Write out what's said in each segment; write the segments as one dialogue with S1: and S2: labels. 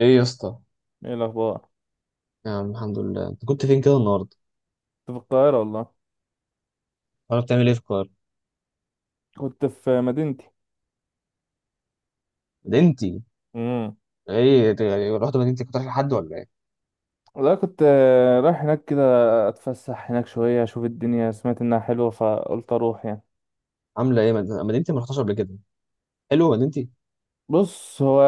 S1: ايه يا اسطى.
S2: ايه الاخبار؟
S1: يا عم الحمد لله، انت كنت فين كده النهارده؟
S2: كنت في القاهره والله.
S1: ولا بتعمل ايه في القاهره؟
S2: كنت في مدينتي.
S1: مدينتي.
S2: امم
S1: ايه ت- رحت مدينتي، كنت رايح لحد ولا ايه؟
S2: لا، كنت رايح هناك كده. اتفسح هناك شويه اشوف الدنيا، سمعت انها حلوه فقلت اروح يعني.
S1: عامله ايه مدينتي؟ ما رحتهاش قبل كده. حلو مدينتي.
S2: بص هو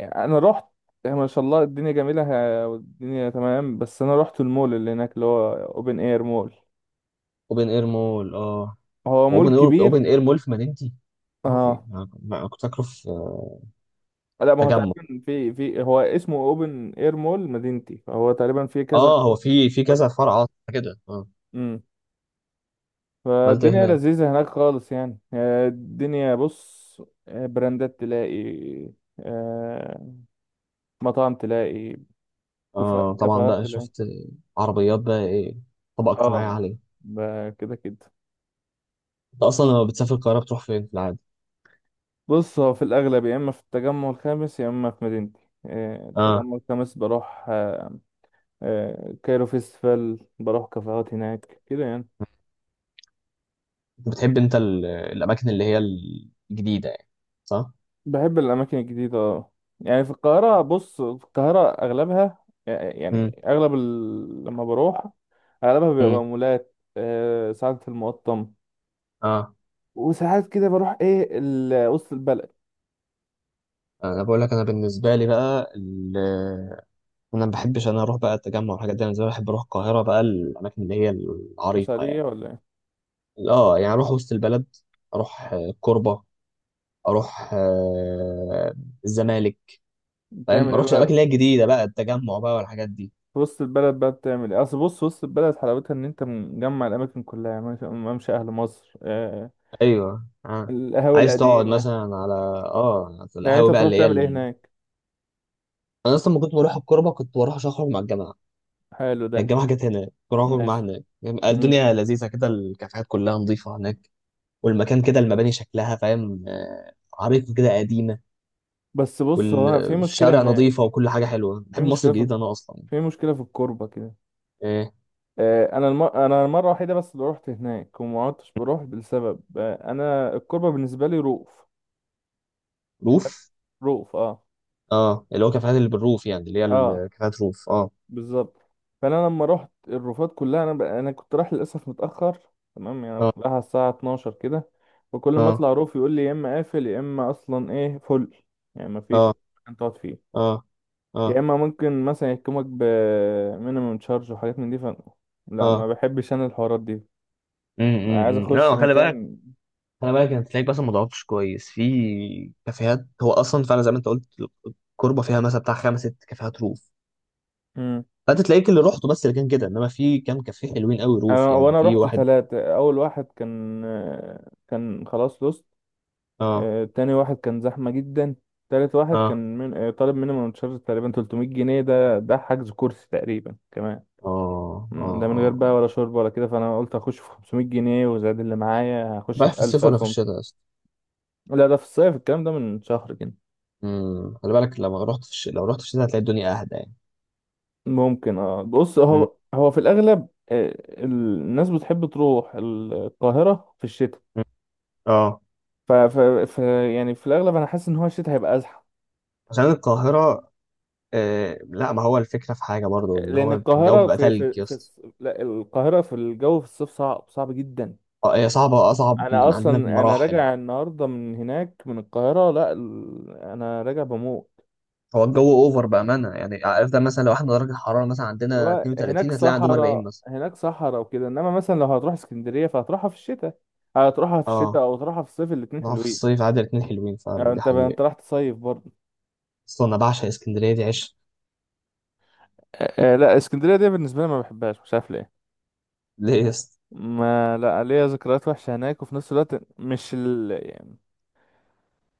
S2: انا رحت، يعني ما شاء الله الدنيا جميله. والدنيا تمام، بس انا رحت المول اللي هناك اللي هو اوبن اير مول.
S1: اوبن اير مول، اه.
S2: هو مول
S1: اوبن اير
S2: كبير.
S1: اوبن اير مول في مدينتي؟ ما هو في،
S2: اه،
S1: أنا كنت فاكره في
S2: لا ما هو
S1: تجمع.
S2: تقريبا في هو اسمه اوبن اير مول مدينتي، فهو تقريبا في كذا
S1: اه،
S2: كل.
S1: هو في كذا فرع، اه كده، اه.
S2: امم
S1: عملت ايه
S2: فالدنيا
S1: هناك؟
S2: لذيذة هناك خالص يعني. الدنيا بص، براندات تلاقي، آه، مطاعم تلاقي،
S1: اه طبعا،
S2: كافيهات
S1: بقى
S2: تلاقي.
S1: شفت عربيات بقى، ايه؟ طبقه اجتماعيه
S2: اه،
S1: عاليه.
S2: كده كده.
S1: انت اصلا لما بتسافر القاهره بتروح فين في العادي؟
S2: بص هو في الأغلب يا إما في التجمع الخامس يا إما في مدينتي.
S1: اه.
S2: التجمع الخامس بروح. كايرو فيستيفال بروح كافيهات هناك كده يعني.
S1: انت بتحب انت الاماكن اللي هي الجديده يعني، صح؟
S2: بحب الأماكن الجديدة، اه. يعني في القاهرة، بص في القاهرة أغلبها،
S1: امم
S2: يعني أغلب لما بروح، أغلبها
S1: امم
S2: بيبقى مولات، ساعات في المقطم.
S1: اه.
S2: وساعات كده بروح إيه، وسط البلد.
S1: انا بقول لك، انا بالنسبه لي بقى انا ما بحبش، انا اروح بقى التجمع والحاجات دي. انا زي ما بحب اروح القاهره بقى الاماكن اللي هي العريقه
S2: مسارية
S1: يعني.
S2: ولا إيه؟
S1: اه، يعني اروح وسط البلد، اروح الكوربه، اروح الزمالك. فاهم؟
S2: بتعمل
S1: ما
S2: إيه
S1: اروحش الاماكن اللي
S2: بقى؟
S1: هي الجديده بقى، التجمع بقى والحاجات دي.
S2: في وسط البلد بقى بتعمل إيه؟ أصل بص، وسط البلد حلاوتها إن أنت مجمع الأماكن كلها يعني، ممشى أهل مصر،
S1: ايوه اه.
S2: القهاوي
S1: عايز تقعد
S2: القديمة.
S1: مثلا على على
S2: يعني أنت
S1: القهاوي بقى،
S2: بتروح
S1: اللي هي
S2: تعمل إيه هناك؟
S1: انا اصلا ما كنت بروح الكوربه، كنت بروح عشان اخرج مع الجماعه
S2: حلو ده،
S1: يعني. الجامعة كانت هناك، كراكور معاها.
S2: ماشي.
S1: هناك
S2: مم.
S1: الدنيا لذيذة كده، الكافيهات كلها نظيفة هناك، والمكان كده، المباني شكلها، فاهم؟ عريقة كده، قديمة.
S2: بس بص هو في مشكلة
S1: والشارع نظيفة
S2: هناك.
S1: وكل حاجة حلوة.
S2: في
S1: بحب مصر
S2: مشكلة في
S1: الجديدة
S2: الك-
S1: أنا أصلا.
S2: في مشكلة في الكوربة كده.
S1: إيه؟
S2: انا المرة الوحيدة بس اللي رحت هناك وما عدتش بروح لسبب، انا الكوربة بالنسبة لي رؤوف.
S1: روف،
S2: رؤوف، اه.
S1: اه، اللي هو كافيهات اللي بالروف يعني، اللي هي
S2: اه،
S1: كافيهات روف، اه،
S2: بالظبط. فانا لما رحت الروفات كلها، انا كنت رايح للاسف متاخر. تمام يعني انا
S1: اه،
S2: كنت رايح على الساعه 12 كده، وكل ما
S1: اه،
S2: اطلع روف يقول لي يا اما قافل يا اما اصلا ايه، فل. يعني ما فيش
S1: اه،
S2: مكان تقعد فيه.
S1: اه،
S2: يا
S1: اه،
S2: اما ممكن مثلا يحكمك ب مينيمم تشارج وحاجات من دي. لا، ما
S1: اه.
S2: بحبش انا الحوارات دي. عايز اخش
S1: لا، خلي بالك.
S2: مكان.
S1: خلي بالك، انت تلاقيك بس ما ضغطتش كويس في كافيهات. هو اصلا فعلا زي ما انت قلت، الكوربه فيها مثلا بتاع خمس ست كافيهات روف.
S2: امم
S1: فانت تلاقيك اللي رحته بس اللي كان كده، انما في كام كافيه حلوين قوي روف
S2: انا
S1: يعني،
S2: وانا
S1: في
S2: رحت
S1: واحد.
S2: ثلاثة، اول واحد كان خلاص لوست،
S1: اه،
S2: تاني واحد كان زحمة جدا. تالت واحد
S1: اه،
S2: كان طالب مينيمم تشارج تقريبا 300 جنيه، ده حجز كرسي تقريبا كمان.
S1: اه، اه،
S2: ده من غير بقى
S1: اه.
S2: ولا شرب ولا كده، فانا قلت اخش في 500 جنيه، وزاد اللي معايا هخش
S1: رايح في
S2: في
S1: الصيف
S2: 1000
S1: ولا
S2: 1000
S1: في
S2: ومت.
S1: الشتاء اصلا؟
S2: لا ده في الصيف، الكلام ده من شهر كده.
S1: خلي بالك، لما رحت لو رحت في الشتاء هتلاقي الدنيا اهدى يعني.
S2: ممكن، اه. بص
S1: مم.
S2: هو في الاغلب ال- الناس بتحب تروح القاهرة في الشتاء.
S1: مم. اه.
S2: ف... ف... ف يعني في الاغلب انا حاسس ان هو الشتاء هيبقى ازحم.
S1: عشان القاهرة. لا، ما هو الفكرة في حاجة برضو، ان
S2: لان
S1: هو الجو
S2: القاهره
S1: بيبقى تلج يا اسطى.
S2: لا، القاهره في الجو في الصيف، صعب صعب جدا.
S1: اه، هي صعبة، اصعب
S2: انا
S1: من عندنا
S2: اصلا
S1: بمراحل.
S2: راجع النهارده من هناك من القاهره، لا ال- انا راجع بموت.
S1: هو الجو اوفر بأمانة. يعني افضل، مثلا لو احنا درجة الحرارة مثلا عندنا
S2: هو هناك
S1: 32 هتلاقي عندهم 40
S2: صحراء،
S1: مثلا.
S2: هناك صحراء وكده، انما مثلا لو هتروح اسكندريه فهتروحها في الشتاء، هتروحها في الشتاء
S1: اه.
S2: او تروحها في الصيف الاتنين
S1: ما هو في
S2: حلوين.
S1: الصيف عادي، الاتنين حلوين
S2: يعني
S1: فعلا، دي
S2: انت
S1: حقيقة.
S2: انت راح تصيف برضه.
S1: اصلا انا بعشق اسكندريه، دي عشق.
S2: لا اسكندريه دي بالنسبه لي ما بحبهاش، مش عارف ليه.
S1: ليه يا اسطى؟
S2: ما، لا، ليا ذكريات وحشة هناك، وفي نفس الوقت مش، يعني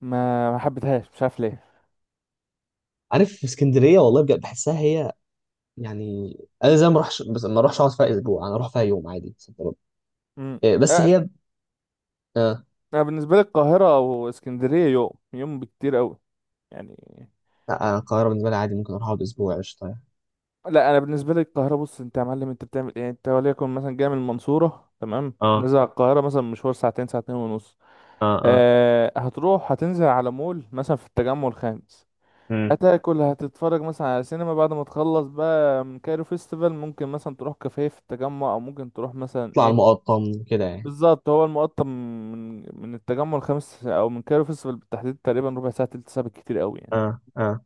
S2: ما حبيتهاش، مش عارف ليه.
S1: عارف، اسكندريه والله بجد بحسها هي يعني، انا زي ما اروحش، بس ما اروحش اقعد فيها اسبوع. انا اروح فيها يوم عادي صد رد.
S2: امم
S1: إيه، بس
S2: لا،
S1: هي. آه.
S2: انا بالنسبة لي القاهرة واسكندرية يوم يوم بكتير قوي يعني.
S1: لا، أنا القاهره بالنسبه لي عادي، ممكن اروح اقعد اسبوع قشطه يعني.
S2: لا انا بالنسبة لي القاهرة، بص انت يا معلم انت بتعمل ايه؟ انت وليكن مثلا جاي من المنصورة، تمام،
S1: اه،
S2: نزل على القاهرة مثلا مشوار ساعتين، ساعتين ونص.
S1: اه، اه.
S2: أه هتروح هتنزل على مول مثلا في التجمع الخامس،
S1: امم.
S2: هتاكل هتتفرج مثلا على سينما بعد ما تخلص بقى من كايرو فيستيفال، ممكن مثلا تروح كافيه في التجمع او ممكن تروح مثلا
S1: اطلع على
S2: ايه.
S1: المقطم كده يعني.
S2: بالظبط، هو المقطم من التجمع الخامس او من كايرو فيستيفال بالتحديد تقريبا ربع ساعه، تلت ساعه بالكتير قوي يعني.
S1: اه، اه.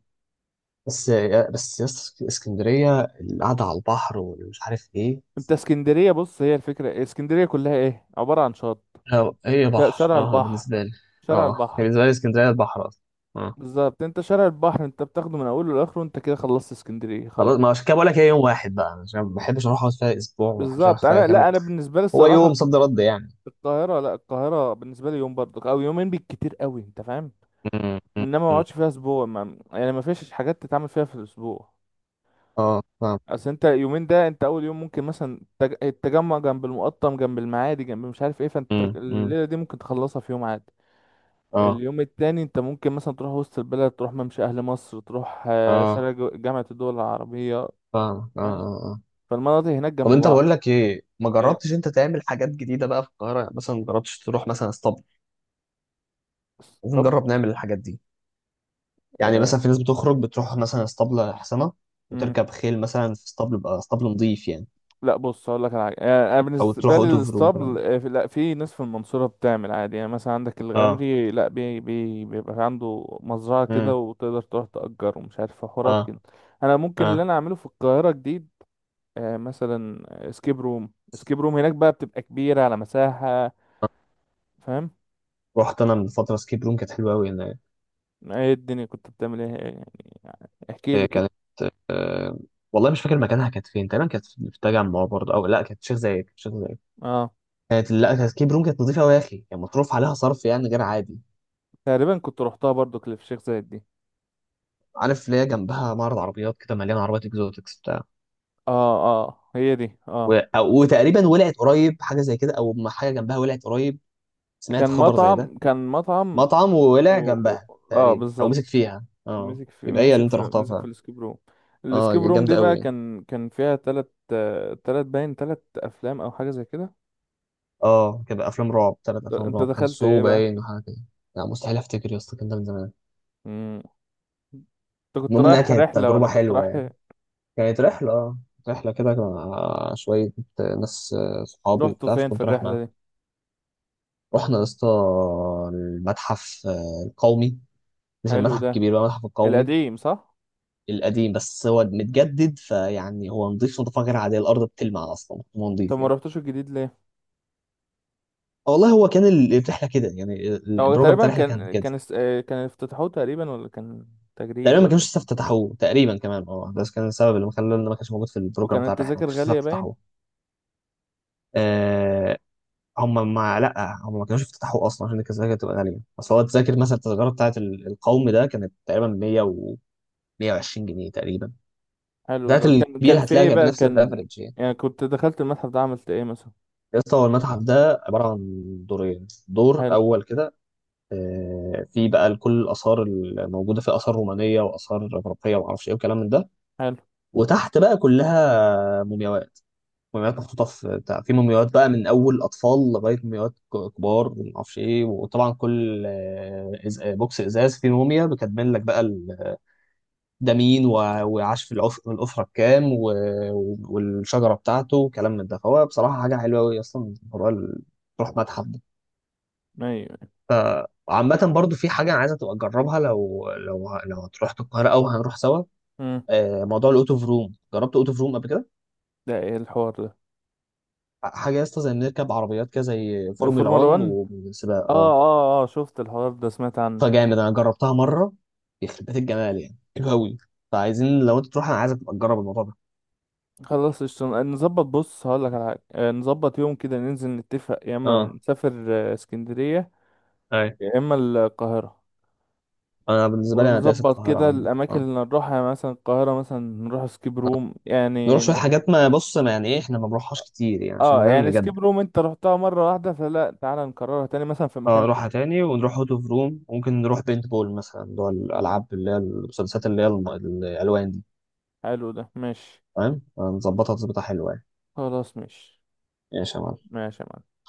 S1: بس، بس يا اسطى اسكندريه القعده على البحر ومش عارف ايه.
S2: انت اسكندريه بص، هي الفكره اسكندريه كلها ايه، عباره عن شط.
S1: هي بحر
S2: شارع
S1: اه
S2: البحر،
S1: بالنسبه لي.
S2: شارع
S1: اه، هي
S2: البحر.
S1: بالنسبه لي اسكندريه البحر اصلا.
S2: بالظبط، انت شارع البحر انت بتاخده من اوله لاخره، انت كده خلصت اسكندريه
S1: خلاص،
S2: خلاص.
S1: ما عشان كده بقول لك هي يوم واحد بقى، عشان ما بحبش اروح اقعد فيها اسبوع، وما بحبش
S2: بالظبط.
S1: اروح فيها
S2: انا،
S1: كام يوم.
S2: لا انا بالنسبه لي
S1: هو
S2: الصراحه،
S1: يوم صد رد يعني.
S2: القاهره، لا القاهره بالنسبه لي يوم برضك او يومين بالكتير قوي، انت فاهم.
S1: مم، مم،
S2: انما ما
S1: مم.
S2: اقعدش فيها اسبوع، ما يعني ما فيش حاجات تتعمل فيها في الاسبوع.
S1: اه فاهم.
S2: اصل انت يومين ده، انت اول يوم ممكن مثلا التجمع جنب المقطم جنب المعادي جنب مش عارف ايه، فانت
S1: امم، أمم.
S2: الليله دي ممكن تخلصها في يوم عادي.
S1: اه،
S2: اليوم التاني انت ممكن مثلا تروح وسط البلد، تروح ممشى اهل مصر، تروح
S1: اه
S2: شارع جامعه الدول العربيه.
S1: فاهم، اه،
S2: فاهم.
S1: اه، اه.
S2: فالمناطق هناك
S1: طب
S2: جنب
S1: انت
S2: بعض.
S1: بقول لك ايه، ما
S2: ايه
S1: جربتش انت تعمل حاجات جديده بقى في القاهره؟ يعني مثلا ما جربتش تروح مثلا اسطبل؟ لازم
S2: اسطبل؟
S1: نجرب نعمل الحاجات دي. يعني
S2: آه.
S1: مثلا في ناس بتخرج بتروح مثلا اسطبل حسنه، وتركب خيل مثلا في اسطبل بقى، اسطبل نظيف يعني.
S2: لا بص هقول لك على حاجه، يعني انا
S1: او تروح
S2: بالنسبه لي
S1: اوتوف روم كلام
S2: الاسطبل
S1: ده.
S2: آه، في- لا في ناس في المنصوره بتعمل عادي، يعني مثلا عندك
S1: اه.
S2: الغمري، لا بي بي بيبقى عنده مزرعه كده
S1: امم.
S2: وتقدر تروح تأجر ومش عارف حوارات
S1: اه،
S2: كده. انا ممكن اللي
S1: اه.
S2: انا اعمله في القاهره جديد، مثلا اسكيب روم. اسكيب روم هناك بقى بتبقى كبيره على مساحه. فاهم.
S1: رحت انا من فتره سكيب روم، كانت حلوه قوي.
S2: ايه الدنيا كنت بتعمل ايه؟ يعني احكي لي
S1: هي
S2: كده.
S1: كانت، والله مش فاكر مكانها، كانت فين تقريبا؟ كانت في التجمع برضه، او لا، كانت شيخ زايد، كانت شيخ زايد.
S2: اه،
S1: كانت لا كانت كيب روم، كانت نظيفه قوي يا اخي. كان مصروف عليها صرف يعني غير عادي.
S2: تقريبا كنت روحتها برضو، كليف شيخ زايد دي.
S1: عارف اللي هي جنبها معرض عربيات كده، مليان عربيات اكزوتكس بتاع.
S2: اه، اه، هي دي، اه.
S1: وتقريبا ولعت قريب حاجه زي كده، او ما حاجه جنبها ولعت قريب. سمعت
S2: كان
S1: خبر زي ده؟
S2: مطعم، كان مطعم.
S1: مطعم، وولع جنبها
S2: اه،
S1: تقريبا، او مسك
S2: بالظبط.
S1: فيها اه.
S2: مسك في
S1: يبقى هي اللي
S2: مسك
S1: انت
S2: في
S1: رحتها
S2: مسك في
S1: فعلا.
S2: الاسكيب روم.
S1: اه،
S2: الاسكيب روم دي
S1: جامده قوي
S2: بقى
S1: يعني.
S2: كان فيها تلت، تلت باين تلت افلام او حاجه زي كده.
S1: اه كده، افلام رعب، ثلاث افلام
S2: انت
S1: رعب، كان
S2: دخلت ايه
S1: سو
S2: بقى؟
S1: باين وحاجه كده. لا، مستحيل افتكر يا اسطى، كان ده من زمان.
S2: مم. انت كنت
S1: المهم انها
S2: رايح
S1: كانت
S2: رحله ولا
S1: تجربه
S2: كنت رايح؟
S1: حلوه. كانت رحلة اه، رحلة كده مع شوية ناس، صحابي
S2: رحتوا
S1: وبتاع،
S2: فين في
S1: فكنت رايح معاهم.
S2: الرحله دي؟
S1: رحنا يا اسطى المتحف القومي. مش
S2: حلو
S1: المتحف
S2: ده.
S1: الكبير بقى، المتحف القومي
S2: القديم، صح؟
S1: القديم. بس هو متجدد، فيعني هو نظيف نظافة غير عادية، الأرض بتلمع أصلا، هو
S2: انت
S1: نظيف
S2: ما
S1: يعني.
S2: رحتوش الجديد ليه؟
S1: والله، هو كان الرحلة كده يعني،
S2: هو
S1: البروجرام بتاع
S2: تقريبا
S1: الرحلة كان
S2: كان
S1: كده.
S2: كان اس- آه، كان افتتحوه تقريبا، ولا كان تجريبي
S1: تقريبا ما
S2: ولا.
S1: كانوش لسه افتتحوه تقريبا كمان، اه، ده كان السبب اللي مخلى إن ما كانش موجود في البروجرام
S2: وكان
S1: بتاع الرحلة، ما
S2: التذاكر
S1: كانش لسه
S2: غاليه، باين.
S1: افتتحوه. هم ما كانوش يفتتحوا اصلا عشان التذاكر تبقى غاليه. بس هو التذاكر، مثلا التذكره بتاعت القوم ده كانت تقريبا 100 و 120 جنيه تقريبا.
S2: حلو
S1: بتاعت
S2: ده، كان
S1: الكبير
S2: في
S1: هتلاقيها
S2: ايه
S1: كانت
S2: بقى
S1: بنفس
S2: كان؟
S1: الريفرنج يعني.
S2: يعني كنت دخلت المتحف ده عملت ايه مثلا؟
S1: يا اسطى، هو المتحف ده عباره عن دورين. دور
S2: حلو.
S1: اول كده، في بقى كل الاثار الموجوده، في اثار رومانيه واثار اغريقيه وما اعرفش ايه وكلام من ده.
S2: حلو.
S1: وتحت بقى كلها مومياوات. مومياوات محطوطة في بتاع، في مومياوات بقى من أول أطفال لغاية مومياوات كبار، ومعرفش إيه. وطبعا كل بوكس إزاز فيه موميا بتكمل لك بقى ده مين وعاش في الأسرة الكام والشجرة بتاعته وكلام من ده. فهو بصراحة حاجة حلوة أوي، أصلا موضوع تروح متحف ده.
S2: ايوه.
S1: وعامة برضو، في حاجة أنا عايزة تبقى تجربها، لو لو هتروح القاهرة أو هنروح سوا.
S2: امم
S1: موضوع الأوت أوف روم، جربت أوت أوف روم قبل كده؟
S2: ده ايه الحوار ده؟
S1: حاجة يا اسطى زي نركب عربيات كده زي فورمولا
S2: الفورمولا
S1: 1
S2: 1.
S1: وسباق،
S2: اه،
S1: اه.
S2: اه، اه، شفت الحوار ده، سمعت عنه.
S1: فجامد، انا جربتها مره، يخرب بيت الجمال يعني، حلو قوي. فعايزين، لو انت تروح انا عايزك تبقى تجرب الموضوع ده.
S2: خلاص، قشطة. نظبط. بص هقول لك على حاجة، نظبط يوم كده ننزل نتفق يا اما
S1: اه،
S2: نسافر اسكندرية
S1: اي.
S2: يا اما القاهرة.
S1: انا بالنسبه لي، انا دايس
S2: ونظبط
S1: القاهره
S2: كده
S1: عامه
S2: الأماكن
S1: اه.
S2: اللي نروحها، يعني مثلا القاهرة مثلا نروح سكيب روم،
S1: نروح
S2: يعني
S1: شويه
S2: نروح.
S1: حاجات، ما بص، ما يعني ايه، احنا ما بنروحهاش كتير يعني، عشان
S2: اه
S1: فاهم
S2: يعني
S1: نجد.
S2: سكيب روم انت رحتها مرة واحدة، فلا تعالى نكررها تاني مثلا في
S1: اه،
S2: مكان تاني.
S1: نروحها تاني، ونروح اوت اوف روم. ممكن نروح بينت بول مثلا، اللي هو الالعاب اللي هي المسدسات، اللي هي الالوان دي.
S2: حلو ده، ماشي.
S1: فاهم؟ نظبطها تظبطها حلوه يعني.
S2: خلاص ماشي.
S1: ماشي يا معلم.
S2: ماشي يا معلم.